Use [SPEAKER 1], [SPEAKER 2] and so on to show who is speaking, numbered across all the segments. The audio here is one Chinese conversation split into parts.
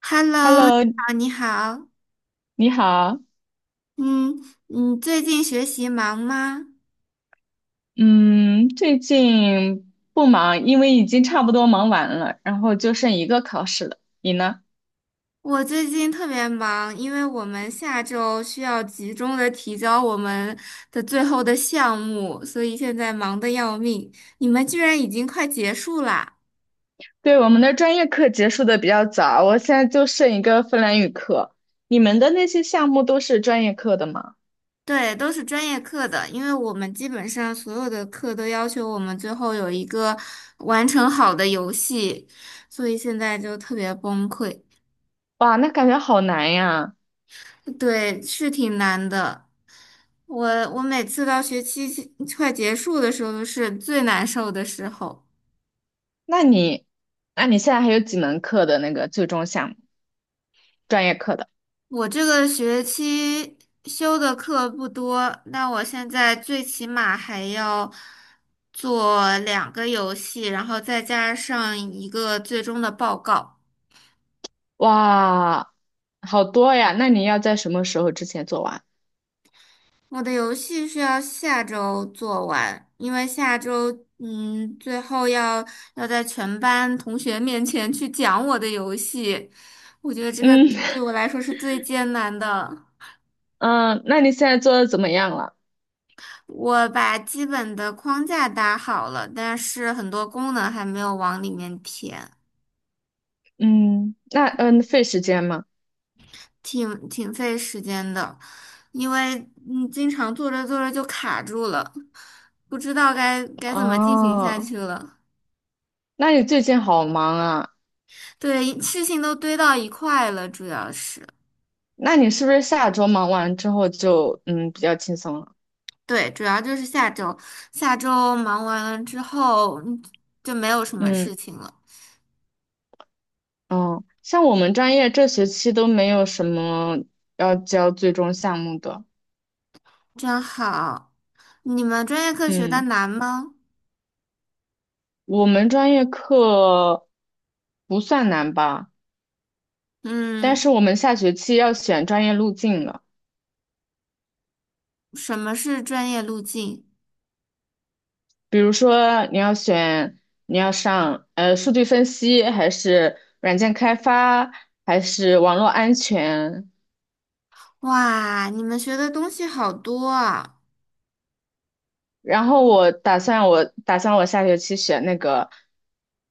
[SPEAKER 1] Hello，你
[SPEAKER 2] Hello，
[SPEAKER 1] 好，你好，
[SPEAKER 2] 你好。
[SPEAKER 1] 嗯，你最近学习忙吗？
[SPEAKER 2] 嗯，最近不忙，因为已经差不多忙完了，然后就剩一个考试了。你呢？
[SPEAKER 1] 我最近特别忙，因为我们下周需要集中的提交我们的最后的项目，所以现在忙得要命。你们居然已经快结束啦？
[SPEAKER 2] 对，我们的专业课结束的比较早，我现在就剩一个芬兰语课。你们的那些项目都是专业课的吗？
[SPEAKER 1] 对，都是专业课的，因为我们基本上所有的课都要求我们最后有一个完成好的游戏，所以现在就特别崩溃。
[SPEAKER 2] 哇，那感觉好难呀。
[SPEAKER 1] 对，是挺难的。我我每次到学期快结束的时候是最难受的时候。
[SPEAKER 2] 那你，那你现在还有几门课的那个最终项目，专业课的？
[SPEAKER 1] 我这个学期修的课不多，那我现在最起码还要做两个游戏，然后再加上一个最终的报告。
[SPEAKER 2] 哇，好多呀。那你要在什么时候之前做完？
[SPEAKER 1] 我的游戏是要下周做完，因为下周最后要在全班同学面前去讲我的游戏，我觉得这个
[SPEAKER 2] 嗯
[SPEAKER 1] 对 我来说是最艰难的。
[SPEAKER 2] 嗯，那你现在做的怎么样了？
[SPEAKER 1] 我把基本的框架搭好了，但是很多功能还没有往里面填，
[SPEAKER 2] 嗯，那费时间吗？
[SPEAKER 1] 挺费时间的，因为经常做着做着就卡住了，不知道该怎么进行下
[SPEAKER 2] 哦，
[SPEAKER 1] 去了。
[SPEAKER 2] 那你最近好忙啊？
[SPEAKER 1] 对，事情都堆到一块了，主要是，
[SPEAKER 2] 那你是不是下周忙完之后就比较轻松了？
[SPEAKER 1] 对，主要就是下周，下周忙完了之后，嗯就没有什么
[SPEAKER 2] 嗯
[SPEAKER 1] 事情了，
[SPEAKER 2] 哦，像我们专业这学期都没有什么要交最终项目的。
[SPEAKER 1] 真好。你们专业课学的
[SPEAKER 2] 嗯，
[SPEAKER 1] 难吗？
[SPEAKER 2] 我们专业课不算难吧，但
[SPEAKER 1] 嗯，
[SPEAKER 2] 是我们下学期要选专业路径了。
[SPEAKER 1] 什么是专业路径？
[SPEAKER 2] 比如说你要上数据分析，还是软件开发，还是网络安全？
[SPEAKER 1] 哇，你们学的东西好多啊。
[SPEAKER 2] 然后我打算我打算我下学期选那个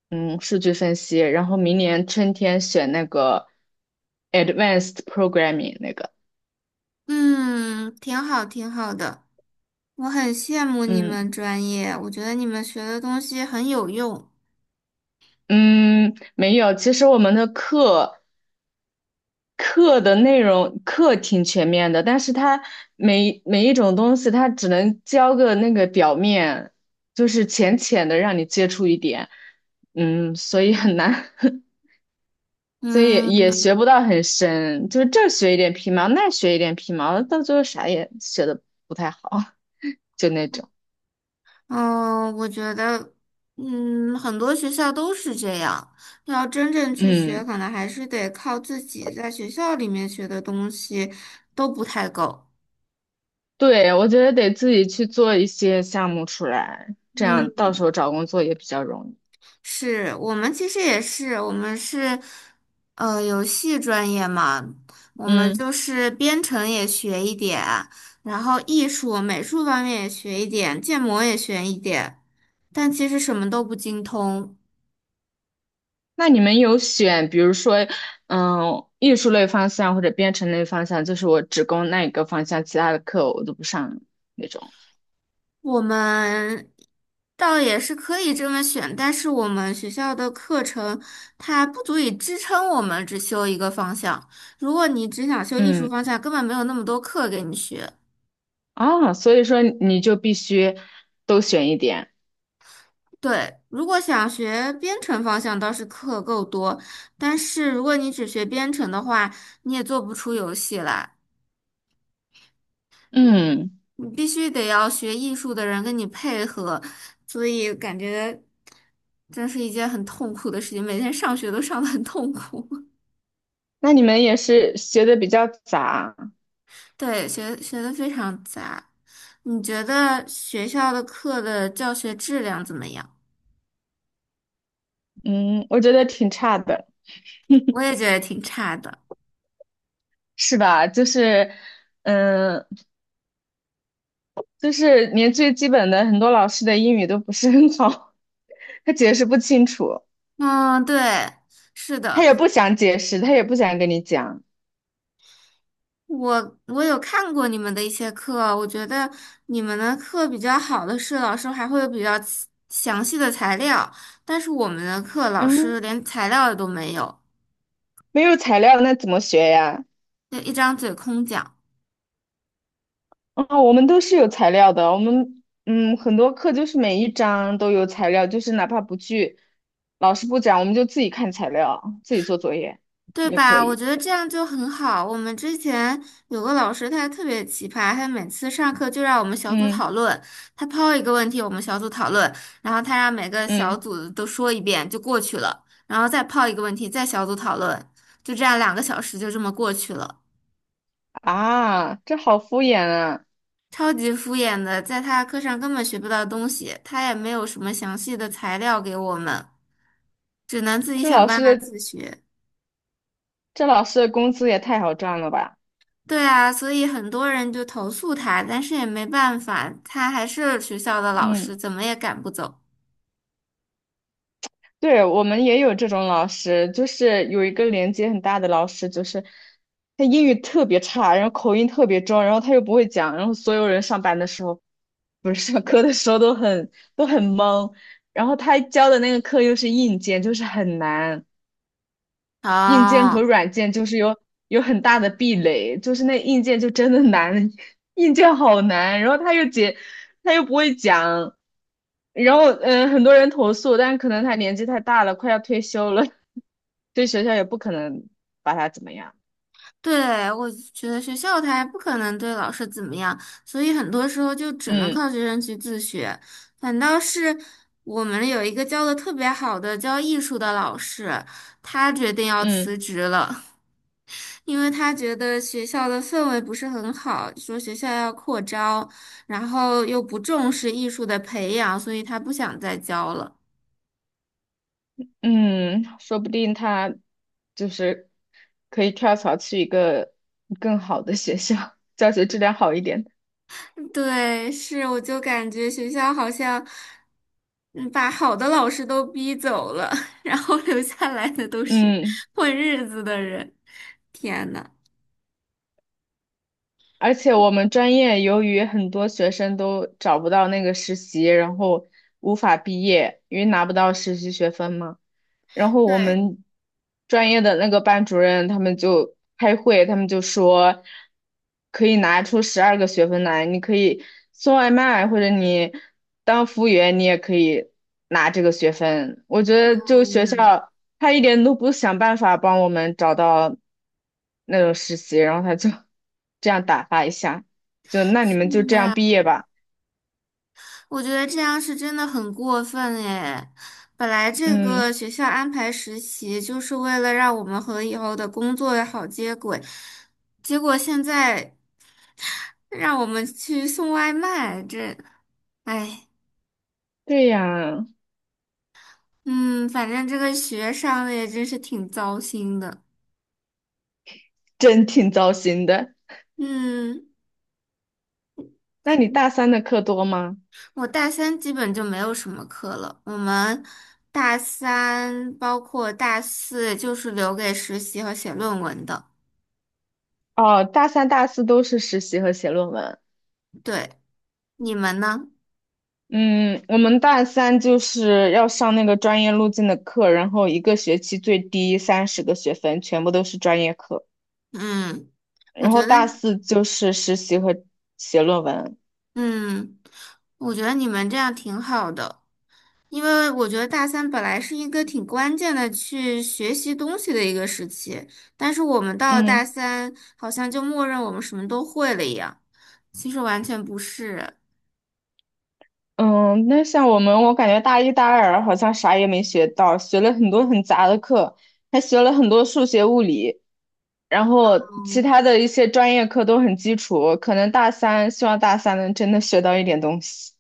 [SPEAKER 2] 数据分析，然后明年春天选那个 advanced programming 那个。
[SPEAKER 1] 嗯，挺好，挺好的。我很羡慕你
[SPEAKER 2] 嗯
[SPEAKER 1] 们专业，我觉得你们学的东西很有用。
[SPEAKER 2] 嗯，没有。其实我们的课的内容挺全面的，但是它每一种东西，它只能教个那个表面，就是浅浅的让你接触一点，嗯，所以很难，所以也
[SPEAKER 1] 嗯。
[SPEAKER 2] 学不到很深，就是这儿学一点皮毛，那儿学一点皮毛，到最后啥也学的不太好，就那种，
[SPEAKER 1] 嗯，我觉得，嗯，很多学校都是这样。要真正去学，
[SPEAKER 2] 嗯，
[SPEAKER 1] 可能还是得靠自己，在学校里面学的东西都不太够。
[SPEAKER 2] 对，我觉得得自己去做一些项目出来，这样
[SPEAKER 1] 嗯，
[SPEAKER 2] 到时候找工作也比较容易，
[SPEAKER 1] 是我们其实也是，我们是游戏专业嘛，我们
[SPEAKER 2] 嗯。
[SPEAKER 1] 就是编程也学一点，然后艺术、美术方面也学一点，建模也学一点，但其实什么都不精通。
[SPEAKER 2] 那你们有选，比如说，嗯，艺术类方向或者编程类方向，就是我只攻那一个方向，其他的课我都不上那种。
[SPEAKER 1] 我们倒也是可以这么选，但是我们学校的课程它不足以支撑我们只修一个方向。如果你只想修艺术
[SPEAKER 2] 嗯，
[SPEAKER 1] 方向，根本没有那么多课给你学。
[SPEAKER 2] 啊，所以说你就必须都选一点。
[SPEAKER 1] 对，如果想学编程方向，倒是课够多，但是如果你只学编程的话，你也做不出游戏来，
[SPEAKER 2] 嗯，
[SPEAKER 1] 你必须得要学艺术的人跟你配合，所以感觉真是一件很痛苦的事情，每天上学都上得很痛苦。
[SPEAKER 2] 那你们也是学的比较杂。
[SPEAKER 1] 对，学的非常杂。你觉得学校的课的教学质量怎么样？
[SPEAKER 2] 嗯，我觉得挺差的，
[SPEAKER 1] 我也觉得挺差的。
[SPEAKER 2] 是吧？就是，嗯，就是连最基本的很多老师的英语都不是很好，他解释不清楚，
[SPEAKER 1] 嗯，对，是
[SPEAKER 2] 他
[SPEAKER 1] 的，
[SPEAKER 2] 也不想解释，他也不想跟你讲。
[SPEAKER 1] 我有看过你们的一些课，我觉得你们的课比较好的是老师还会有比较详细的材料，但是我们的课老
[SPEAKER 2] 嗯。
[SPEAKER 1] 师连材料都没有，
[SPEAKER 2] 没有材料那怎么学呀？
[SPEAKER 1] 就一张嘴空讲。
[SPEAKER 2] 啊、我们都是有材料的，我们很多课就是每一章都有材料，就是哪怕不去老师不讲，我们就自己看材料，自己做作业
[SPEAKER 1] 对
[SPEAKER 2] 也可
[SPEAKER 1] 吧？我
[SPEAKER 2] 以。
[SPEAKER 1] 觉得这样就很好。我们之前有个老师，他特别奇葩，他每次上课就让我们小组
[SPEAKER 2] 嗯
[SPEAKER 1] 讨论，他抛一个问题，我们小组讨论，然后他让每个小
[SPEAKER 2] 嗯
[SPEAKER 1] 组都说一遍就过去了，然后再抛一个问题，再小组讨论，就这样两个小时就这么过去了，
[SPEAKER 2] 啊，这好敷衍啊！
[SPEAKER 1] 超级敷衍的，在他课上根本学不到东西，他也没有什么详细的材料给我们，只能自己
[SPEAKER 2] 这
[SPEAKER 1] 想
[SPEAKER 2] 老
[SPEAKER 1] 办法
[SPEAKER 2] 师的
[SPEAKER 1] 自学。
[SPEAKER 2] 这老师的工资也太好赚了吧？
[SPEAKER 1] 对啊，所以很多人就投诉他，但是也没办法，他还是学校的老
[SPEAKER 2] 嗯。
[SPEAKER 1] 师，怎么也赶不走。
[SPEAKER 2] 对，我们也有这种老师，就是有一个年纪很大的老师，就是他英语特别差，然后口音特别重，然后他又不会讲，然后所有人上班的时候，不是 上课的时候都很懵，然后他教的那个课又是硬件，就是很难。硬件
[SPEAKER 1] 哦，
[SPEAKER 2] 和软件就是有很大的壁垒，就是那硬件就真的难，硬件好难，然后他又不会讲，然后很多人投诉，但是可能他年纪太大了，快要退休了，对学校也不可能把他怎么样，
[SPEAKER 1] 对，我觉得学校他还不可能对老师怎么样，所以很多时候就只能
[SPEAKER 2] 嗯
[SPEAKER 1] 靠学生去自学。反倒是我们有一个教的特别好的教艺术的老师，他决定要辞
[SPEAKER 2] 嗯
[SPEAKER 1] 职了。因为他觉得学校的氛围不是很好，说学校要扩招，然后又不重视艺术的培养，所以他不想再教了。
[SPEAKER 2] 嗯，说不定他就是可以跳槽去一个更好的学校，教学质量好一点的
[SPEAKER 1] 对，是，我就感觉学校好像嗯把好的老师都逼走了，然后留下来的都是
[SPEAKER 2] 嗯。
[SPEAKER 1] 混日子的人。天呐，
[SPEAKER 2] 而且我们专业由于很多学生都找不到那个实习，然后无法毕业，因为拿不到实习学分嘛。然后我
[SPEAKER 1] 对，
[SPEAKER 2] 们专业的那个班主任他们就开会，他们就说可以拿出12个学分来，你可以送外卖或者你当服务员，你也可以拿这个学分。我觉
[SPEAKER 1] 哎
[SPEAKER 2] 得就学
[SPEAKER 1] 呀，
[SPEAKER 2] 校他一点都不想办法帮我们找到那种实习，然后他就 这样打发一下，就那你
[SPEAKER 1] 是
[SPEAKER 2] 们就这样
[SPEAKER 1] 啊
[SPEAKER 2] 毕业吧。
[SPEAKER 1] 我觉得这样是真的很过分诶，本来这个
[SPEAKER 2] 嗯，
[SPEAKER 1] 学校安排实习就是为了让我们和以后的工作好接轨，结果现在让我们去送外卖，这，哎，
[SPEAKER 2] 对呀，
[SPEAKER 1] 嗯，反正这个学上的也真是挺糟心的。
[SPEAKER 2] 真挺糟心的。
[SPEAKER 1] 嗯，
[SPEAKER 2] 那你大三的课多吗？
[SPEAKER 1] 我大三基本就没有什么课了。我们大三包括大四就是留给实习和写论文的。
[SPEAKER 2] 哦，大三、大四都是实习和写论文。
[SPEAKER 1] 对，你们呢？
[SPEAKER 2] 嗯，我们大三就是要上那个专业路径的课，然后一个学期最低30个学分，全部都是专业课。
[SPEAKER 1] 嗯，我
[SPEAKER 2] 然后
[SPEAKER 1] 觉得，
[SPEAKER 2] 大四就是实习和写论文。
[SPEAKER 1] 嗯，我觉得你们这样挺好的，因为我觉得大三本来是一个挺关键的去学习东西的一个时期，但是我们到了大
[SPEAKER 2] 嗯
[SPEAKER 1] 三，好像就默认我们什么都会了一样，其实完全不是。
[SPEAKER 2] 嗯，那像我们，我感觉大一、大二好像啥也没学到，学了很多很杂的课，还学了很多数学、物理，然后其他的一些专业课都很基础。可能大三，希望大三能真的学到一点东西。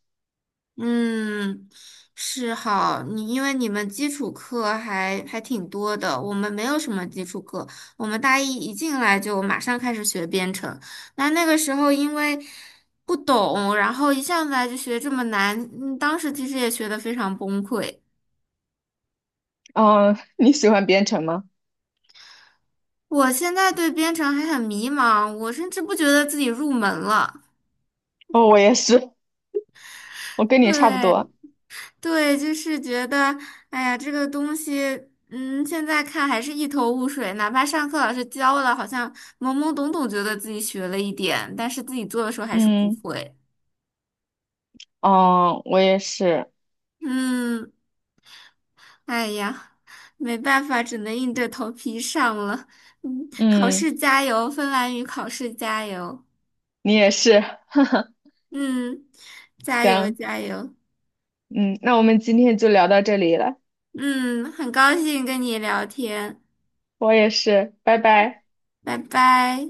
[SPEAKER 1] 嗯，是好，你因为你们基础课还挺多的，我们没有什么基础课，我们大一一进来就马上开始学编程，那个时候因为不懂，然后一上来就学这么难，嗯，当时其实也学得非常崩溃。
[SPEAKER 2] 嗯，你喜欢编程吗？
[SPEAKER 1] 我现在对编程还很迷茫，我甚至不觉得自己入门了。
[SPEAKER 2] 哦，我也是，我跟你差不
[SPEAKER 1] 对。
[SPEAKER 2] 多。
[SPEAKER 1] 对，就是觉得，哎呀，这个东西，嗯，现在看还是一头雾水。哪怕上课老师教了，好像懵懵懂懂，觉得自己学了一点，但是自己做的时候还是不
[SPEAKER 2] 嗯，
[SPEAKER 1] 会。
[SPEAKER 2] 哦，我也是。
[SPEAKER 1] 嗯，哎呀，没办法，只能硬着头皮上了。嗯，考
[SPEAKER 2] 嗯，
[SPEAKER 1] 试加油，芬兰语考试加油。
[SPEAKER 2] 你也是。
[SPEAKER 1] 嗯，加油
[SPEAKER 2] 行，
[SPEAKER 1] 加油。
[SPEAKER 2] 嗯，那我们今天就聊到这里了。
[SPEAKER 1] 嗯，很高兴跟你聊天，
[SPEAKER 2] 我也是，拜拜。
[SPEAKER 1] 拜拜。